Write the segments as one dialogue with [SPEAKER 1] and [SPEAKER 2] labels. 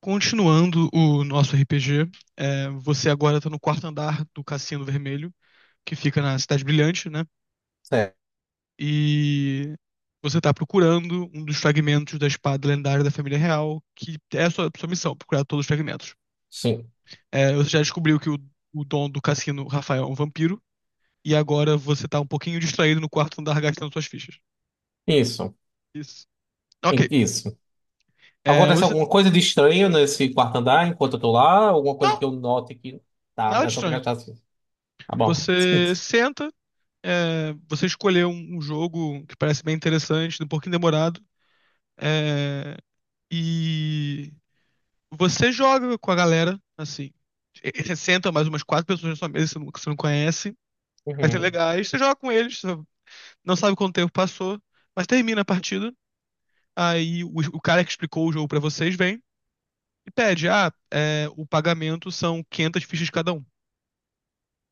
[SPEAKER 1] Continuando o nosso RPG, você agora tá no quarto andar do Cassino Vermelho, que fica na Cidade Brilhante, né?
[SPEAKER 2] Certo.
[SPEAKER 1] E você tá procurando um dos fragmentos da espada lendária da família real, que é a sua missão, procurar todos os fragmentos.
[SPEAKER 2] Sim.
[SPEAKER 1] Você já descobriu que o dono do cassino, Rafael, é um vampiro, e agora você tá um pouquinho distraído no quarto andar gastando suas fichas.
[SPEAKER 2] Isso.
[SPEAKER 1] Isso. Ok.
[SPEAKER 2] Isso.
[SPEAKER 1] É,
[SPEAKER 2] Acontece
[SPEAKER 1] você...
[SPEAKER 2] alguma coisa de estranho nesse quarto andar enquanto eu tô lá? Alguma coisa que
[SPEAKER 1] Não,
[SPEAKER 2] eu note que. Tá,
[SPEAKER 1] nada
[SPEAKER 2] é
[SPEAKER 1] de
[SPEAKER 2] só pra
[SPEAKER 1] estranho.
[SPEAKER 2] gastar assim. Tá bom.
[SPEAKER 1] Você senta, você escolher um jogo que parece bem interessante, um pouquinho demorado, é, e você joga com a galera, assim. Você senta mais umas quatro pessoas na sua mesa que você não conhece, vai ser
[SPEAKER 2] Uhum.
[SPEAKER 1] legais, você joga com eles, você não sabe quanto tempo passou, mas termina a partida. Aí o cara que explicou o jogo pra vocês vem e pede: ah, o pagamento são 500 fichas cada um.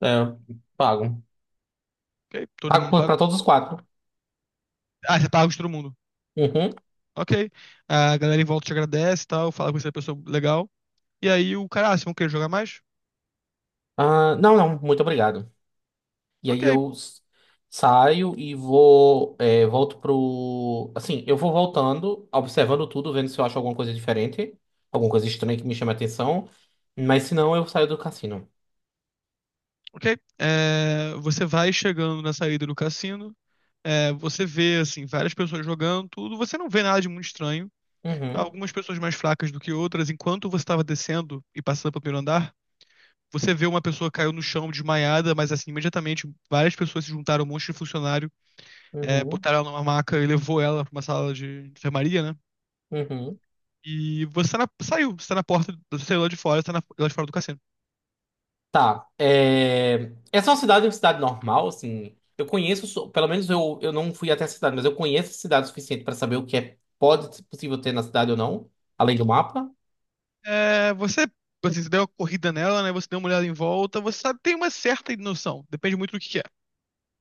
[SPEAKER 2] É, pago.
[SPEAKER 1] Ok, todo
[SPEAKER 2] Pago
[SPEAKER 1] mundo
[SPEAKER 2] pra
[SPEAKER 1] paga.
[SPEAKER 2] pra todos os 4.
[SPEAKER 1] Ah, você paga de todo mundo.
[SPEAKER 2] Uhum.
[SPEAKER 1] Ok. A galera em volta te agradece e tal, fala com essa pessoa legal. E aí o cara, ah, vocês vão querer jogar mais?
[SPEAKER 2] Ah, não, não, muito obrigado. E
[SPEAKER 1] Ok,
[SPEAKER 2] aí saio e vou. É, volto pro. Assim, eu vou voltando, observando tudo, vendo se eu acho alguma coisa diferente, alguma coisa estranha que me chame a atenção. Mas se não, eu saio do cassino.
[SPEAKER 1] ok. Você vai chegando na saída do cassino, você vê, assim, várias pessoas jogando, tudo. Você não vê nada de muito estranho.
[SPEAKER 2] Uhum.
[SPEAKER 1] Algumas pessoas mais fracas do que outras. Enquanto você estava descendo e passando pelo primeiro andar, você vê uma pessoa caiu no chão desmaiada, mas assim, imediatamente várias pessoas se juntaram, um monte de funcionário,
[SPEAKER 2] Uhum.
[SPEAKER 1] botaram ela numa maca e levou ela para uma sala de enfermaria, né?
[SPEAKER 2] Uhum.
[SPEAKER 1] E você saiu, você tá na porta, você saiu lá de fora, você lá de fora do cassino.
[SPEAKER 2] Tá. É... Essa é uma cidade normal, assim. Eu conheço, pelo menos eu não fui até a cidade, mas eu conheço a cidade o suficiente para saber o que é pode ser possível ter na cidade ou não, além do mapa.
[SPEAKER 1] Você, assim, você deu uma corrida nela, né? Você deu uma olhada em volta, você sabe, tem uma certa noção, depende muito do que é,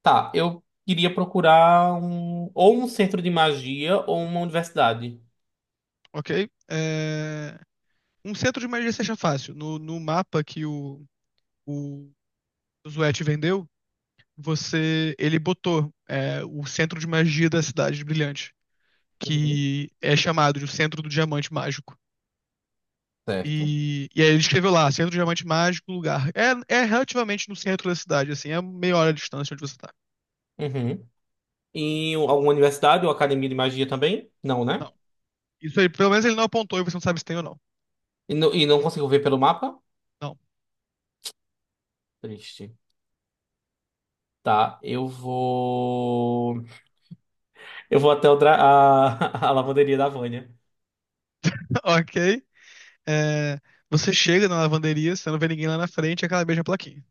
[SPEAKER 2] Tá, eu iria procurar um, ou um centro de magia ou uma universidade.
[SPEAKER 1] ok? Um centro de magia seja fácil. No mapa que o, o Zuete vendeu, ele botou o centro de magia da cidade de Brilhante,
[SPEAKER 2] Uhum.
[SPEAKER 1] que é chamado de o Centro do Diamante Mágico.
[SPEAKER 2] Certo.
[SPEAKER 1] E aí ele escreveu lá, Centro do Diamante Mágico, lugar. É relativamente no centro da cidade, assim, é meia hora de distância de onde você tá.
[SPEAKER 2] Uhum. E alguma universidade ou academia de magia também? Não,
[SPEAKER 1] Não.
[SPEAKER 2] né?
[SPEAKER 1] Isso aí, pelo menos ele não apontou e você não sabe se tem ou não.
[SPEAKER 2] E, não consigo ver pelo mapa?
[SPEAKER 1] Não.
[SPEAKER 2] Triste. Tá, eu vou. Eu vou até a, a lavanderia da Vânia.
[SPEAKER 1] Ok. É, Você chega na lavanderia, você não vê ninguém lá na frente, é que beija a plaquinha.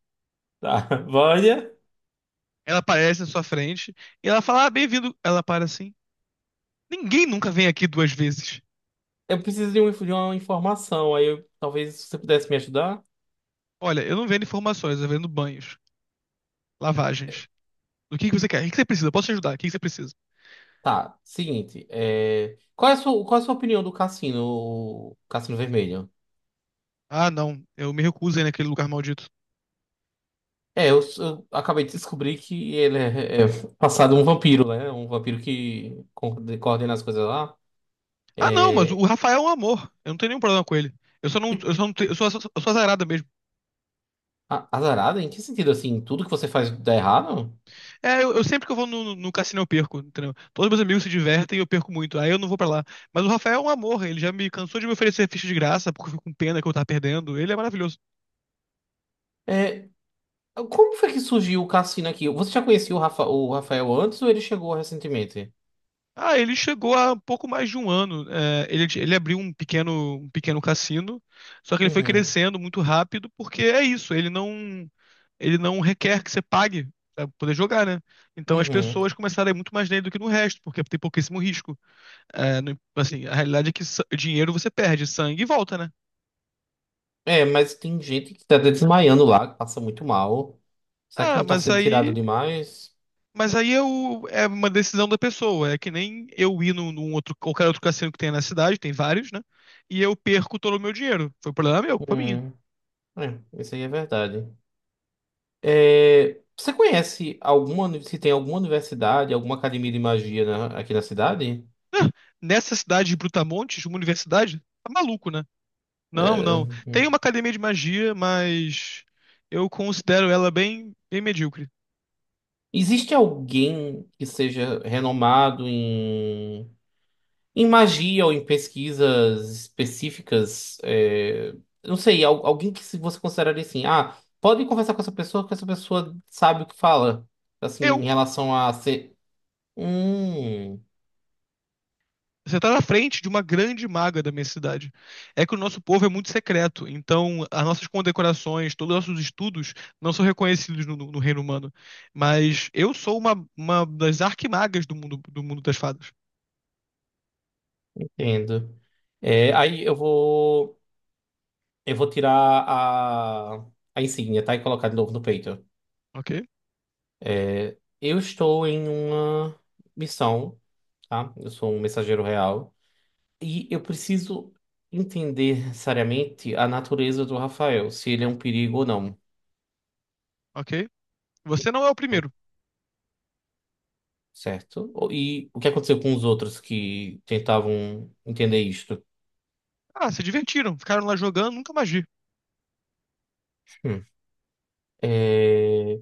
[SPEAKER 2] Tá. Vânia,
[SPEAKER 1] Ela aparece na sua frente e ela fala: Ah, bem-vindo. Ela para assim. Ninguém nunca vem aqui duas vezes.
[SPEAKER 2] eu preciso de, de uma informação. Talvez você pudesse me ajudar.
[SPEAKER 1] Olha, eu não vendo informações, eu vendo banhos, lavagens. O que que você quer? O que que você precisa? Eu posso te ajudar? O que que você precisa?
[SPEAKER 2] Tá, seguinte. É, qual é a sua, qual é a sua opinião do cassino, Cassino Vermelho?
[SPEAKER 1] Ah, não, eu me recuso aí naquele lugar maldito.
[SPEAKER 2] É, eu acabei de descobrir que ele é passado um vampiro, né? Um vampiro que coordena as coisas lá.
[SPEAKER 1] Ah, não, mas o
[SPEAKER 2] É...
[SPEAKER 1] Rafael é um amor. Eu não tenho nenhum problema com ele. Eu só não, eu só não, eu sou azarada.
[SPEAKER 2] Azarada? Em que sentido, assim? Tudo que você faz dá errado?
[SPEAKER 1] Eu sempre que eu vou no cassino eu perco, entendeu? Todos meus amigos se divertem e eu perco muito, aí eu não vou pra lá. Mas o Rafael é um amor, ele já me cansou de me oferecer ficha de graça porque eu fico com pena que eu tava perdendo. Ele é maravilhoso.
[SPEAKER 2] É, como foi que surgiu o cassino aqui? Você já conhecia o, o Rafael antes ou ele chegou recentemente?
[SPEAKER 1] Ah, ele chegou há pouco mais de um ano. Ele abriu um pequeno cassino, só que ele foi
[SPEAKER 2] Uhum,
[SPEAKER 1] crescendo muito rápido porque é isso, ele não requer que você pague. Pra poder jogar, né? Então as
[SPEAKER 2] uhum.
[SPEAKER 1] pessoas começaram a ir muito mais nele do que no resto, porque tem pouquíssimo risco. Assim, a realidade é que dinheiro você perde, sangue volta, né?
[SPEAKER 2] É, mas tem gente que tá desmaiando lá, que passa muito mal. Será que
[SPEAKER 1] Ah,
[SPEAKER 2] não tá
[SPEAKER 1] mas
[SPEAKER 2] sendo tirado
[SPEAKER 1] aí.
[SPEAKER 2] demais?
[SPEAKER 1] Mas aí é uma decisão da pessoa. É que nem eu ir num outro, qualquer outro cassino que tenha na cidade, tem vários, né? E eu perco todo o meu dinheiro. Foi um problema meu, culpa minha.
[SPEAKER 2] Hum, é, isso aí é verdade. É, você conhece alguma, se tem alguma universidade, alguma academia de magia aqui na cidade?
[SPEAKER 1] Ah, nessa cidade de Brutamontes, uma universidade, tá maluco, né? Não,
[SPEAKER 2] É,
[SPEAKER 1] não. Tem
[SPEAKER 2] uhum.
[SPEAKER 1] uma academia de magia, mas eu considero ela bem, bem medíocre.
[SPEAKER 2] Existe alguém que seja renomado em em magia ou em pesquisas específicas, é, não sei, alguém que se você consideraria assim, ah, pode conversar com essa pessoa, que essa pessoa sabe o que fala, assim, em
[SPEAKER 1] Eu
[SPEAKER 2] relação a ser... Hum,
[SPEAKER 1] Você está na frente de uma grande maga da minha cidade. É que o nosso povo é muito secreto, então as nossas condecorações, todos os nossos estudos não são reconhecidos no reino humano. Mas eu sou uma das arquimagas do mundo das fadas.
[SPEAKER 2] entendo. É, aí eu vou tirar a, a insígnia, tá? E colocar de novo no peito.
[SPEAKER 1] Ok?
[SPEAKER 2] É, eu estou em uma missão, tá? Eu sou um mensageiro real. E eu preciso entender seriamente a natureza do Rafael, se ele é um perigo ou não,
[SPEAKER 1] Ok? Você não é o primeiro.
[SPEAKER 2] certo? E o que aconteceu com os outros que tentavam entender isto?
[SPEAKER 1] Ah, se divertiram, ficaram lá jogando, nunca mais vi.
[SPEAKER 2] Hum. É,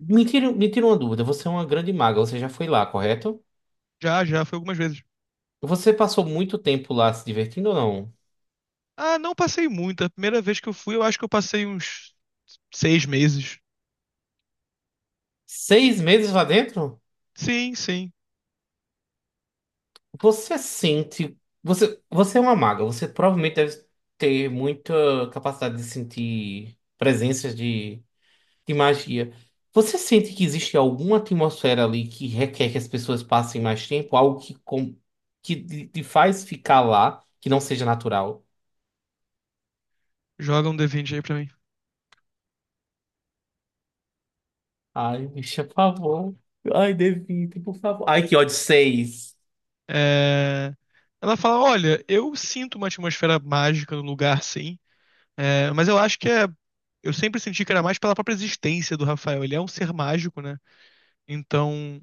[SPEAKER 2] Me tira uma dúvida, você é uma grande maga, você já foi lá, correto?
[SPEAKER 1] Já, já, foi algumas vezes.
[SPEAKER 2] Você passou muito tempo lá se divertindo ou não?
[SPEAKER 1] Ah, não passei muito. A primeira vez que eu fui, eu acho que eu passei uns 6 meses.
[SPEAKER 2] 6 meses lá dentro?
[SPEAKER 1] Sim, sim.
[SPEAKER 2] Você sente. Você é uma maga, você provavelmente deve ter muita capacidade de sentir presenças de magia. Você sente que existe alguma atmosfera ali que requer que as pessoas passem mais tempo? Algo que, com, que te faz ficar lá, que não seja natural?
[SPEAKER 1] Joga um D20 aí pra mim.
[SPEAKER 2] Ai, bicha, por favor. Ai, Devite, por favor. Ai, que ódio, 6.
[SPEAKER 1] É, Ela fala: Olha, eu sinto uma atmosfera mágica no lugar, sim, mas eu acho que é. Eu sempre senti que era mais pela própria existência do Rafael. Ele é um ser mágico, né? Então,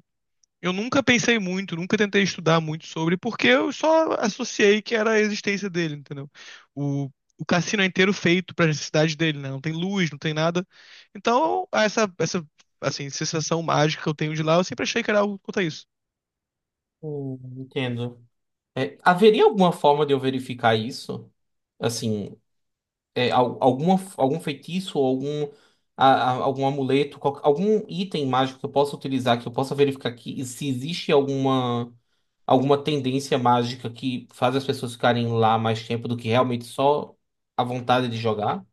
[SPEAKER 1] eu nunca pensei muito, nunca tentei estudar muito sobre, porque eu só associei que era a existência dele, entendeu? O, o cassino é inteiro feito para necessidade dele, né? Não tem luz, não tem nada. Então, assim, sensação mágica que eu tenho de lá, eu sempre achei que era algo quanto a isso.
[SPEAKER 2] Entendo. É, haveria alguma forma de eu verificar isso? Assim, é, alguma, algum feitiço, ou algum, algum amuleto, algum item mágico que eu possa utilizar, que eu possa verificar que, se existe alguma. Alguma tendência mágica que faz as pessoas ficarem lá mais tempo do que realmente só a vontade de jogar?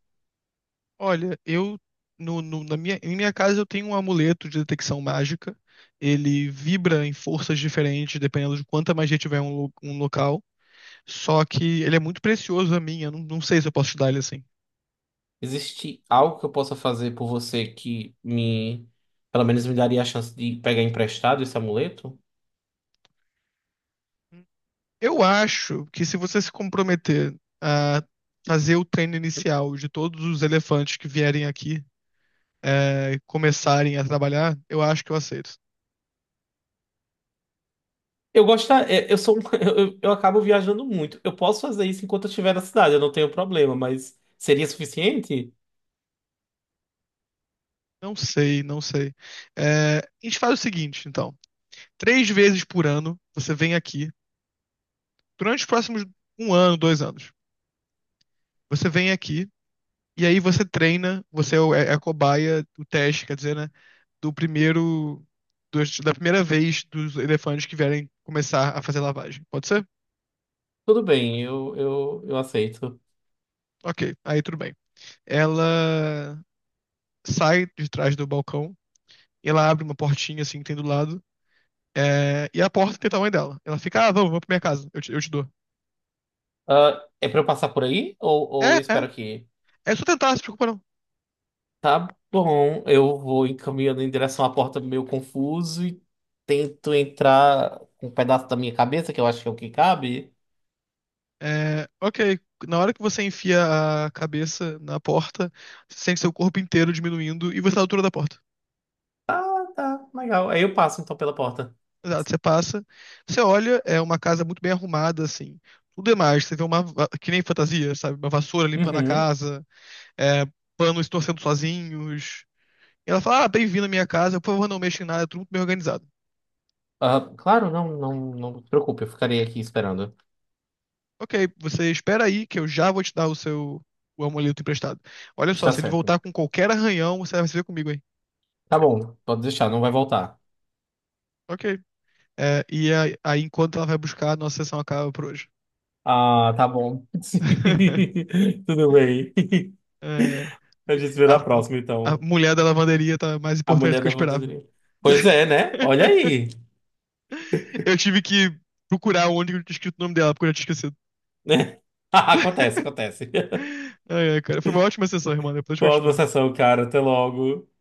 [SPEAKER 1] Olha, eu em minha casa eu tenho um amuleto de detecção mágica. Ele vibra em forças diferentes, dependendo de quanta magia tiver um local. Só que ele é muito precioso a mim, eu não sei se eu posso te dar ele assim.
[SPEAKER 2] Existe algo que eu possa fazer por você que me, pelo menos me daria a chance de pegar emprestado esse amuleto?
[SPEAKER 1] Eu acho que se você se comprometer a fazer o treino inicial de todos os elefantes que vierem aqui, começarem a trabalhar, eu acho que eu aceito.
[SPEAKER 2] Eu gosto, é, eu sou, eu acabo viajando muito. Eu posso fazer isso enquanto eu estiver na cidade, eu não tenho problema, mas seria suficiente?
[SPEAKER 1] Não sei, não sei. A gente faz o seguinte, então. Três vezes por ano, você vem aqui, durante os próximos um ano, 2 anos, você vem aqui e aí você treina, você é a cobaia, o teste, quer dizer, né? Do primeiro. Da primeira vez dos elefantes que vierem começar a fazer lavagem. Pode ser?
[SPEAKER 2] Tudo bem, eu aceito.
[SPEAKER 1] Ok, aí tudo bem. Ela sai de trás do balcão, e ela abre uma portinha assim que tem do lado, e a porta tem o tamanho dela. Ela fica, ah, vamos, vamos pra minha casa, eu te, dou.
[SPEAKER 2] Ah, é pra eu passar por aí
[SPEAKER 1] É,
[SPEAKER 2] ou eu espero
[SPEAKER 1] é,
[SPEAKER 2] aqui?
[SPEAKER 1] é só tentar, se preocupa não.
[SPEAKER 2] Tá bom, eu vou encaminhando em direção à porta meio confuso e tento entrar com um pedaço da minha cabeça, que eu acho que é o que cabe.
[SPEAKER 1] Ok, na hora que você enfia a cabeça na porta, você sente seu corpo inteiro diminuindo e você tá na altura da porta.
[SPEAKER 2] Ah, tá, legal. Aí eu passo então pela porta.
[SPEAKER 1] Exato, você passa, você olha, é uma casa muito bem arrumada, assim. Tudo é mais, você vê que nem fantasia, sabe? Uma vassoura limpando a
[SPEAKER 2] Uhum.
[SPEAKER 1] casa, é, panos torcendo sozinhos. E ela fala, ah, bem-vindo à minha casa, por favor, não mexa em nada, é tudo muito bem organizado.
[SPEAKER 2] Ah, claro, não, não, não se preocupe, eu ficarei aqui esperando.
[SPEAKER 1] Ok, você espera aí que eu já vou te dar o amuleto emprestado. Olha só,
[SPEAKER 2] Está
[SPEAKER 1] se ele
[SPEAKER 2] certo.
[SPEAKER 1] voltar com qualquer arranhão, você vai se ver comigo aí.
[SPEAKER 2] Tá bom, pode deixar, não vai voltar.
[SPEAKER 1] Ok. E enquanto ela vai buscar, a nossa sessão acaba por hoje.
[SPEAKER 2] Ah, tá bom. Sim, tudo bem.
[SPEAKER 1] É,
[SPEAKER 2] A gente se vê
[SPEAKER 1] a,
[SPEAKER 2] na próxima,
[SPEAKER 1] a
[SPEAKER 2] então.
[SPEAKER 1] mulher da lavanderia tá mais
[SPEAKER 2] A
[SPEAKER 1] importante do
[SPEAKER 2] mulher
[SPEAKER 1] que eu
[SPEAKER 2] da
[SPEAKER 1] esperava.
[SPEAKER 2] lavanderia. Pois é, né? Olha aí.
[SPEAKER 1] Eu tive que procurar onde eu tinha escrito o nome dela, porque eu já tinha esquecido.
[SPEAKER 2] Acontece, acontece.
[SPEAKER 1] Ai, ai, cara, foi uma ótima sessão, irmã. Depois
[SPEAKER 2] Boa
[SPEAKER 1] continua.
[SPEAKER 2] sessão, cara. Até logo.